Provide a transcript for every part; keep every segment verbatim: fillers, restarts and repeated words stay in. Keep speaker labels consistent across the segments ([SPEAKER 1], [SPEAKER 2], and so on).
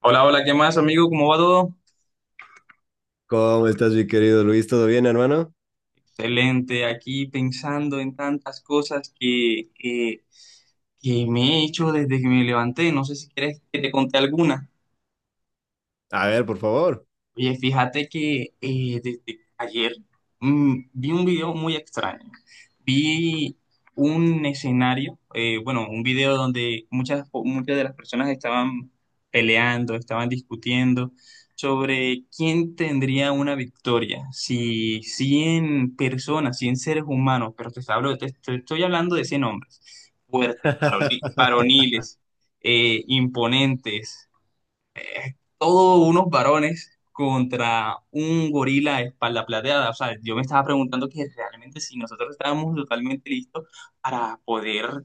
[SPEAKER 1] Hola, hola, ¿qué más, amigo? ¿Cómo va todo?
[SPEAKER 2] ¿Cómo estás, mi querido Luis? ¿Todo bien, hermano?
[SPEAKER 1] Excelente, aquí pensando en tantas cosas que, que, que me he hecho desde que me levanté. No sé si quieres que te conté alguna.
[SPEAKER 2] A ver, por favor.
[SPEAKER 1] Oye, fíjate que eh, desde ayer mm, vi un video muy extraño. Vi un escenario, eh, bueno, un video donde muchas, muchas de las personas estaban peleando, estaban discutiendo sobre quién tendría una victoria, si cien personas, cien seres humanos, pero te hablo, te- te estoy hablando de cien hombres, fuertes, varoni- varoniles, eh, imponentes, eh, todos unos varones contra un gorila de espalda plateada. O sea, yo me estaba preguntando que realmente si nosotros estábamos totalmente listos para poder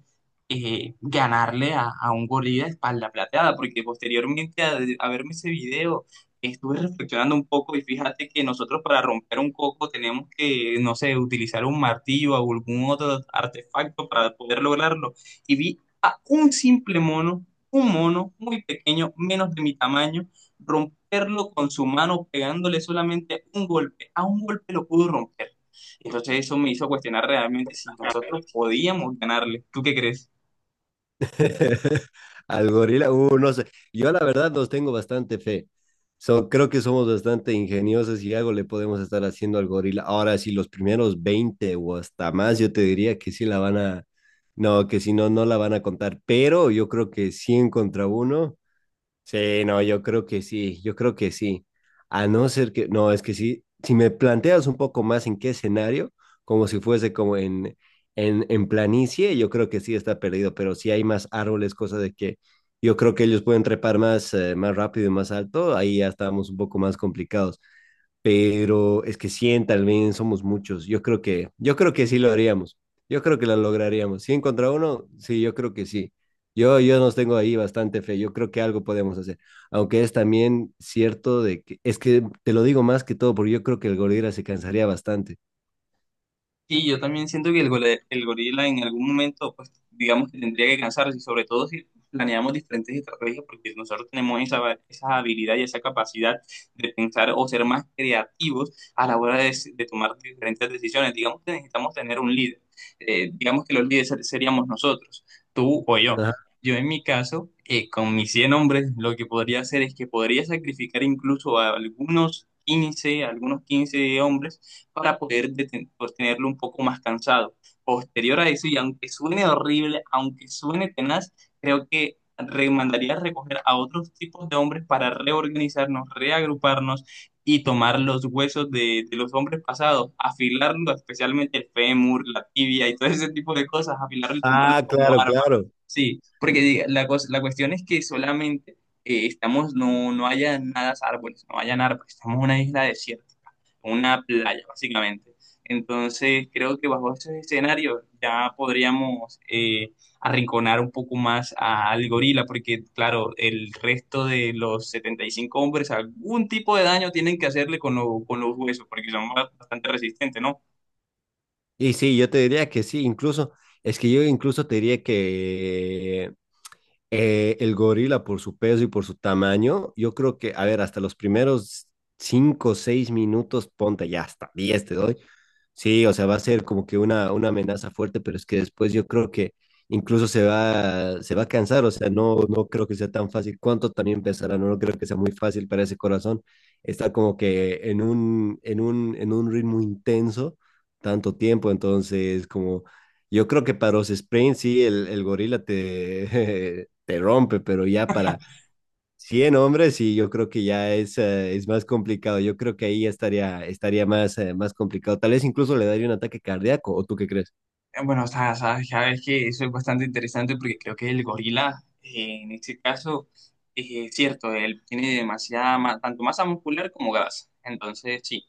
[SPEAKER 1] eh, ganarle a, a un gorila de espalda plateada, porque posteriormente a, a verme ese video estuve reflexionando un poco y fíjate que nosotros para romper un coco tenemos que, no sé, utilizar un martillo o algún otro artefacto para poder lograrlo. Y vi a un simple mono, un mono muy pequeño, menos de mi tamaño, romperlo con su mano pegándole solamente un golpe. A un golpe lo pudo romper. Entonces eso me hizo cuestionar realmente si nosotros podíamos ganarle. ¿Tú qué crees?
[SPEAKER 2] Al gorila, uh, no sé. Yo la verdad los tengo bastante fe. So, creo que somos bastante ingeniosos y algo le podemos estar haciendo al gorila. Ahora, si los primeros veinte o hasta más, yo te diría que sí la van a, no, que si no, no la van a contar. Pero yo creo que cien contra uno. Sí, no, yo creo que sí, yo creo que sí. A no ser que, no, es que sí, si me planteas un poco más en qué escenario, como si fuese como en, en, en planicie, yo creo que sí está perdido, pero si hay más árboles, cosa de que yo creo que ellos pueden trepar más, eh, más rápido y más alto, ahí ya estamos un poco más complicados, pero es que cien tal vez somos muchos. Yo creo que, yo creo que sí lo haríamos. Yo creo que lo lograríamos. cien contra uno, sí, yo creo que sí. Yo, yo nos tengo ahí bastante fe. Yo creo que algo podemos hacer. Aunque es también cierto de que, es que te lo digo más que todo porque yo creo que el gorila se cansaría bastante.
[SPEAKER 1] Sí, yo también siento que el, gole- el gorila en algún momento, pues digamos que tendría que cansarse, y sobre todo si planeamos diferentes estrategias, porque nosotros tenemos esa, esa habilidad y esa capacidad de pensar o ser más creativos a la hora de, de tomar diferentes decisiones. Digamos que necesitamos tener un líder. Eh, digamos que los líderes ser- seríamos nosotros, tú o yo.
[SPEAKER 2] Ajá.
[SPEAKER 1] Yo en mi caso, eh, con mis cien hombres, lo que podría hacer es que podría sacrificar incluso a algunos quince algunos quince hombres para poder tenerlo un poco más cansado. Posterior a eso, y aunque suene horrible, aunque suene tenaz, creo que mandaría recoger a otros tipos de hombres para reorganizarnos, reagruparnos y tomar los huesos de, de los hombres pasados, afilarlo, especialmente el fémur, la tibia y todo ese tipo de cosas, afilarlo y tomarlo
[SPEAKER 2] Ah,
[SPEAKER 1] como
[SPEAKER 2] claro,
[SPEAKER 1] arma.
[SPEAKER 2] claro.
[SPEAKER 1] Sí, porque la, cosa- la cuestión es que solamente eh, estamos, no, no haya nada árboles, no hayan árboles, estamos en una isla desierta, una playa, básicamente. Entonces, creo que bajo ese escenario ya podríamos eh, arrinconar un poco más a- al gorila, porque claro, el resto de los setenta y cinco hombres algún tipo de daño tienen que hacerle con, lo- con los huesos, porque son ba- bastante resistentes, ¿no?
[SPEAKER 2] Y sí, yo te diría que sí. Incluso, es que yo incluso te diría que Eh, el gorila, por su peso y por su tamaño, yo creo que, a ver, hasta los primeros cinco, o seis minutos, ponte ya hasta diez te doy. Sí, o sea, va a ser como que una, una amenaza fuerte, pero es que después yo creo que incluso se va, se va a cansar, o sea, no, no creo que sea tan fácil. ¿Cuánto también pesará? No, no creo que sea muy fácil para ese corazón estar como que en un, en un, en un ritmo intenso tanto tiempo, entonces como yo creo que para los sprints sí, el, el gorila te, te rompe, pero ya para cien hombres y yo creo que ya es, eh, es más complicado. Yo creo que ahí ya estaría, estaría más, eh, más complicado. Tal vez incluso le daría un ataque cardíaco, ¿o tú qué crees?
[SPEAKER 1] Eh, Bueno, o sea, sabes, ya ves que eso es bastante interesante porque creo que el gorila, eh, en este caso, eh, es cierto, él tiene demasiada, ma- tanto masa muscular como grasa. Entonces, sí.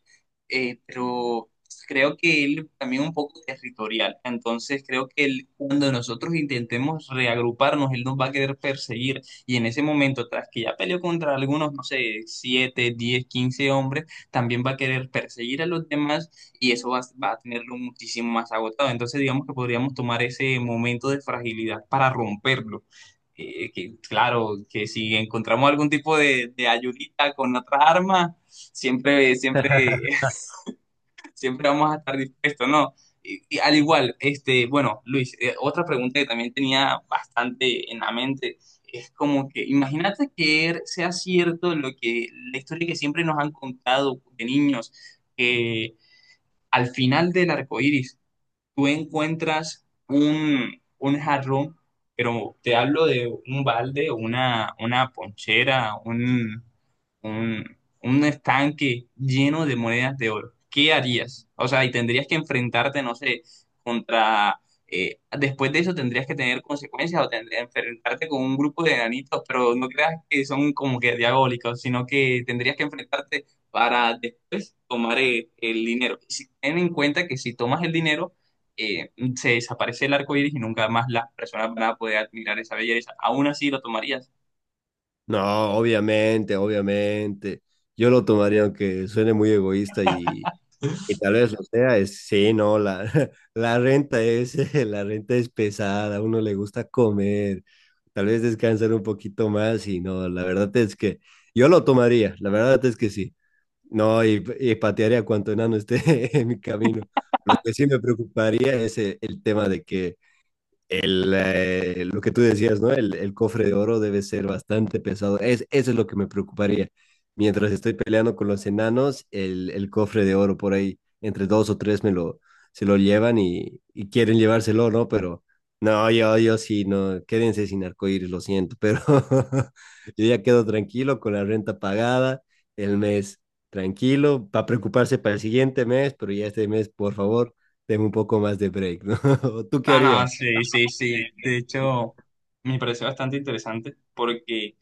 [SPEAKER 1] Eh, pero creo que él también un poco territorial. Entonces, creo que él, cuando nosotros intentemos reagruparnos, él nos va a querer perseguir. Y en ese momento, tras que ya peleó contra algunos, no sé, siete, diez, quince hombres, también va a querer perseguir a los demás y eso va, va a tenerlo muchísimo más agotado. Entonces, digamos que podríamos tomar ese momento de fragilidad para romperlo. Eh, que, claro, que si encontramos algún tipo de, de ayudita con otras armas, siempre, siempre, siempre vamos a estar dispuestos, ¿no? Y, y al igual, este, bueno, Luis, eh, otra pregunta que también tenía bastante en la mente es como que, imagínate que er- sea cierto lo que la historia que siempre nos han contado de niños, que al final del arco iris tú encuentras un, un jarrón, pero te hablo de un balde, una, una ponchera, un, un, un estanque lleno de monedas de oro. ¿Qué harías? O sea, y tendrías que enfrentarte, no sé, contra... eh, después de eso tendrías que tener consecuencias o tendrías que enfrentarte con un grupo de enanitos, pero no creas que son como que diabólicos, sino que tendrías que enfrentarte para después tomar eh, el dinero. Y si ten en cuenta que si tomas el dinero, eh, se desaparece el arco iris y nunca más las personas van a poder admirar esa belleza. Aún así lo tomarías.
[SPEAKER 2] No, obviamente, obviamente. Yo lo tomaría aunque suene muy egoísta y, y tal vez lo sea. Es, sí, no, la, la renta es, la renta es pesada, a uno le gusta comer, tal vez descansar un poquito más y no, la verdad es que yo lo tomaría, la verdad es que sí. No, y, y patearé a cuanto enano esté en mi camino. Lo que sí me preocuparía es eh, el tema de que el, eh, lo que tú decías, ¿no? El, el cofre de oro debe ser bastante pesado. Es, eso es lo que me preocuparía. Mientras estoy peleando con los enanos, el, el cofre de oro por ahí, entre dos o tres me lo, se lo llevan y, y quieren llevárselo, ¿no? Pero no, yo, yo sí, no, quédense sin arcoíris, lo siento, pero yo ya quedo tranquilo con la renta pagada, el mes tranquilo, para preocuparse para el siguiente mes, pero ya este mes, por favor, tengo un poco más de break, ¿no? ¿Tú qué
[SPEAKER 1] Ah, no,
[SPEAKER 2] harías?
[SPEAKER 1] sí, sí, sí.
[SPEAKER 2] Sí.
[SPEAKER 1] De hecho, me pareció bastante interesante porque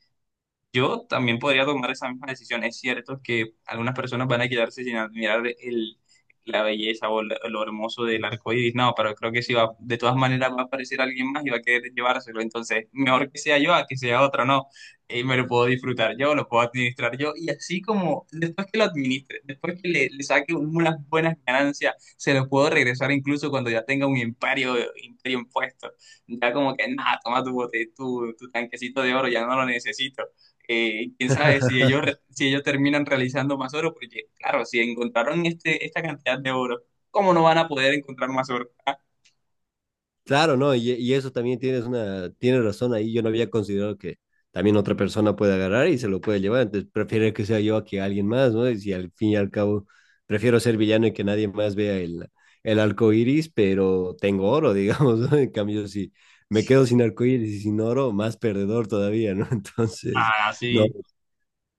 [SPEAKER 1] yo también podría tomar esa misma decisión. Es cierto que algunas personas van a quedarse sin admirar el, la belleza o lo, lo hermoso del arco iris. No, pero creo que si va, de todas maneras va a aparecer alguien más y va a querer llevárselo. Entonces, mejor que sea yo a que sea otro, ¿no? Y me lo puedo disfrutar yo, lo puedo administrar yo. Y así como después que lo administre, después que le, le saque unas buenas ganancias, se lo puedo regresar incluso cuando ya tenga un imperio, imperio impuesto. Ya como que, nada, toma tu bote, tu, tu tanquecito de oro, ya no lo necesito. Eh, quién sabe si ellos, re- si ellos terminan realizando más oro, porque claro, si encontraron este, esta cantidad de oro, ¿cómo no van a poder encontrar más oro? Ah,
[SPEAKER 2] Claro, no, y, y eso también tienes una, tienes razón ahí. Yo no había considerado que también otra persona puede agarrar y se lo puede llevar. Entonces prefiero que sea yo a que alguien más, ¿no? Y si al fin y al cabo prefiero ser villano y que nadie más vea el, el arco iris, pero tengo oro, digamos, ¿no? En cambio, si me quedo sin arco iris y sin oro, más perdedor todavía, ¿no? Entonces,
[SPEAKER 1] ah,
[SPEAKER 2] no.
[SPEAKER 1] sí.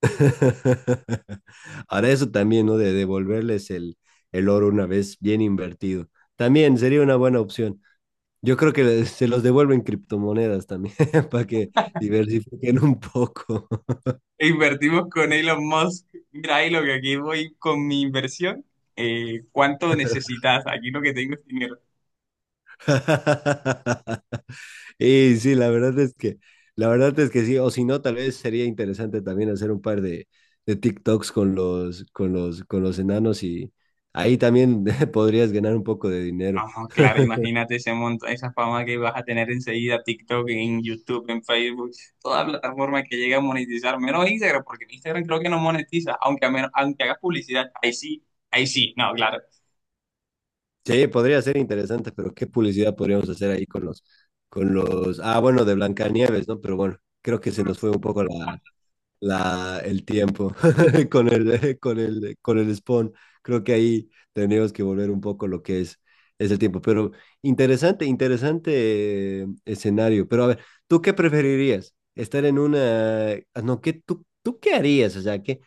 [SPEAKER 2] Ahora eso también, ¿no? De devolverles el, el oro una vez bien invertido. También sería una buena opción. Yo creo que le- se los devuelven criptomonedas también para que diversifiquen un poco.
[SPEAKER 1] Invertimos con Elon Musk. Mira, ahí lo que aquí voy con mi inversión. Eh, ¿cuánto necesitas? Aquí lo que tengo es dinero.
[SPEAKER 2] Y sí, la verdad es que, la verdad es que sí, o si no, tal vez sería interesante también hacer un par de, de TikToks con los, con los, con los enanos y ahí también podrías ganar un poco de dinero.
[SPEAKER 1] No, claro, imagínate ese monto, esa fama que vas a tener enseguida, TikTok, en YouTube, en Facebook, toda plataforma que llegue a monetizar, menos Instagram, porque en Instagram creo que no monetiza, aunque, a menos, aunque hagas publicidad, ahí sí, ahí sí, no, claro.
[SPEAKER 2] Sí, podría ser interesante, pero ¿qué publicidad podríamos hacer ahí con los, con los, ah, bueno, de Blancanieves, ¿no? Pero bueno, creo que se nos fue un poco la, la, el tiempo con el, con el, con el spawn. Creo que ahí tenemos que volver un poco lo que es, es el tiempo. Pero interesante, interesante eh, escenario. Pero a ver, ¿tú qué preferirías? Estar en una... ah, no, ¿qué, tú, ¿tú qué harías? O sea, ¿qué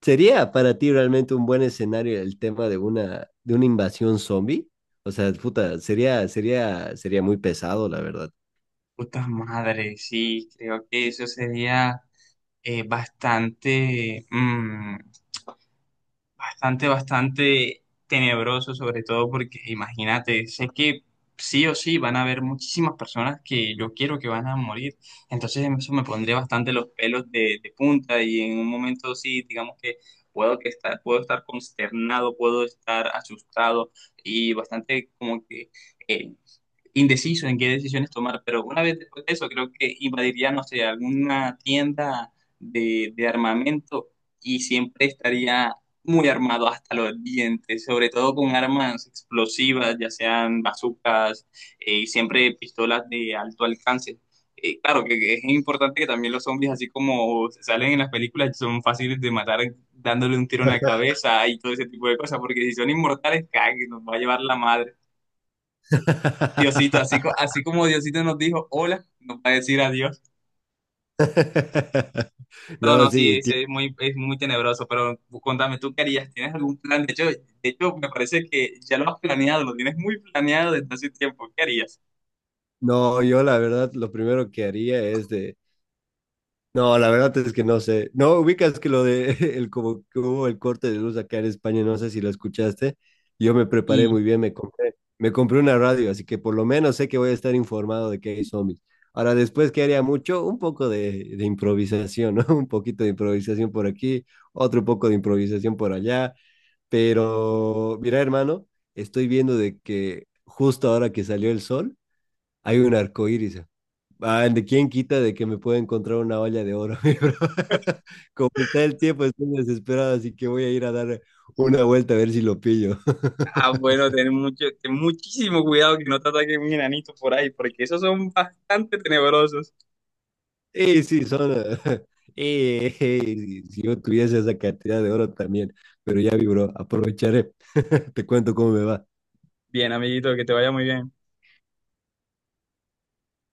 [SPEAKER 2] sería para ti realmente un buen escenario el tema de una, de una invasión zombie? O sea, puta, sería, sería, sería muy pesado, la verdad.
[SPEAKER 1] Puta madre, sí, creo que eso sería eh, bastante, mm, bastante, bastante tenebroso, sobre todo porque imagínate, sé que sí o sí van a haber muchísimas personas que yo quiero que van a morir, entonces eso me pondría bastante los pelos de, de punta y en un momento sí, digamos que puedo que estar, puedo estar consternado, puedo estar asustado y bastante como que eh, indeciso en qué decisiones tomar, pero una vez después de eso creo que invadiría, no sé, alguna tienda de, de armamento y siempre estaría muy armado hasta los dientes, sobre todo con armas explosivas, ya sean bazucas, eh, y siempre pistolas de alto alcance. Eh, claro que que es importante que también los zombies, así como se salen en las películas, son fáciles de matar dándole un tiro en la cabeza y todo ese tipo de cosas, porque si son inmortales, cague, nos va a llevar la madre. Diosito, así, co- así como Diosito nos dijo hola, nos va a decir adiós. No,
[SPEAKER 2] No,
[SPEAKER 1] no, sí,
[SPEAKER 2] sí,
[SPEAKER 1] es, es muy, es muy tenebroso, pero contame, ¿tú qué harías? ¿Tienes algún plan? De hecho, de hecho, me parece que ya lo has planeado, lo tienes muy planeado desde hace tiempo. ¿Qué harías?
[SPEAKER 2] no, yo la verdad lo primero que haría es de... No, la verdad es que no sé. No, ubicas que lo de el como que hubo el corte de luz acá en España, no sé si lo escuchaste. Yo me preparé
[SPEAKER 1] Y,
[SPEAKER 2] muy bien, me compré, me compré una radio, así que por lo menos sé que voy a estar informado de que hay zombies. Ahora, después, ¿qué haría mucho? Un poco de, de improvisación, ¿no? Un poquito de improvisación por aquí, otro poco de improvisación por allá. Pero, mira, hermano, estoy viendo de que justo ahora que salió el sol, hay un arco iris. Ah, ¿de quién quita de que me pueda encontrar una olla de oro, mi bro? Como está el tiempo, estoy desesperado, así que voy a ir a dar una vuelta a ver si lo pillo.
[SPEAKER 1] ah, bueno, ten mucho, ten muchísimo cuidado que no te ataquen un enanito por ahí, porque esos son bastante tenebrosos.
[SPEAKER 2] Y sí, son. eh, eh, eh, si si yo tuviese esa cantidad de oro también, pero ya vi, bro, aprovecharé. Te cuento cómo me va.
[SPEAKER 1] Bien, amiguito, que te vaya muy bien.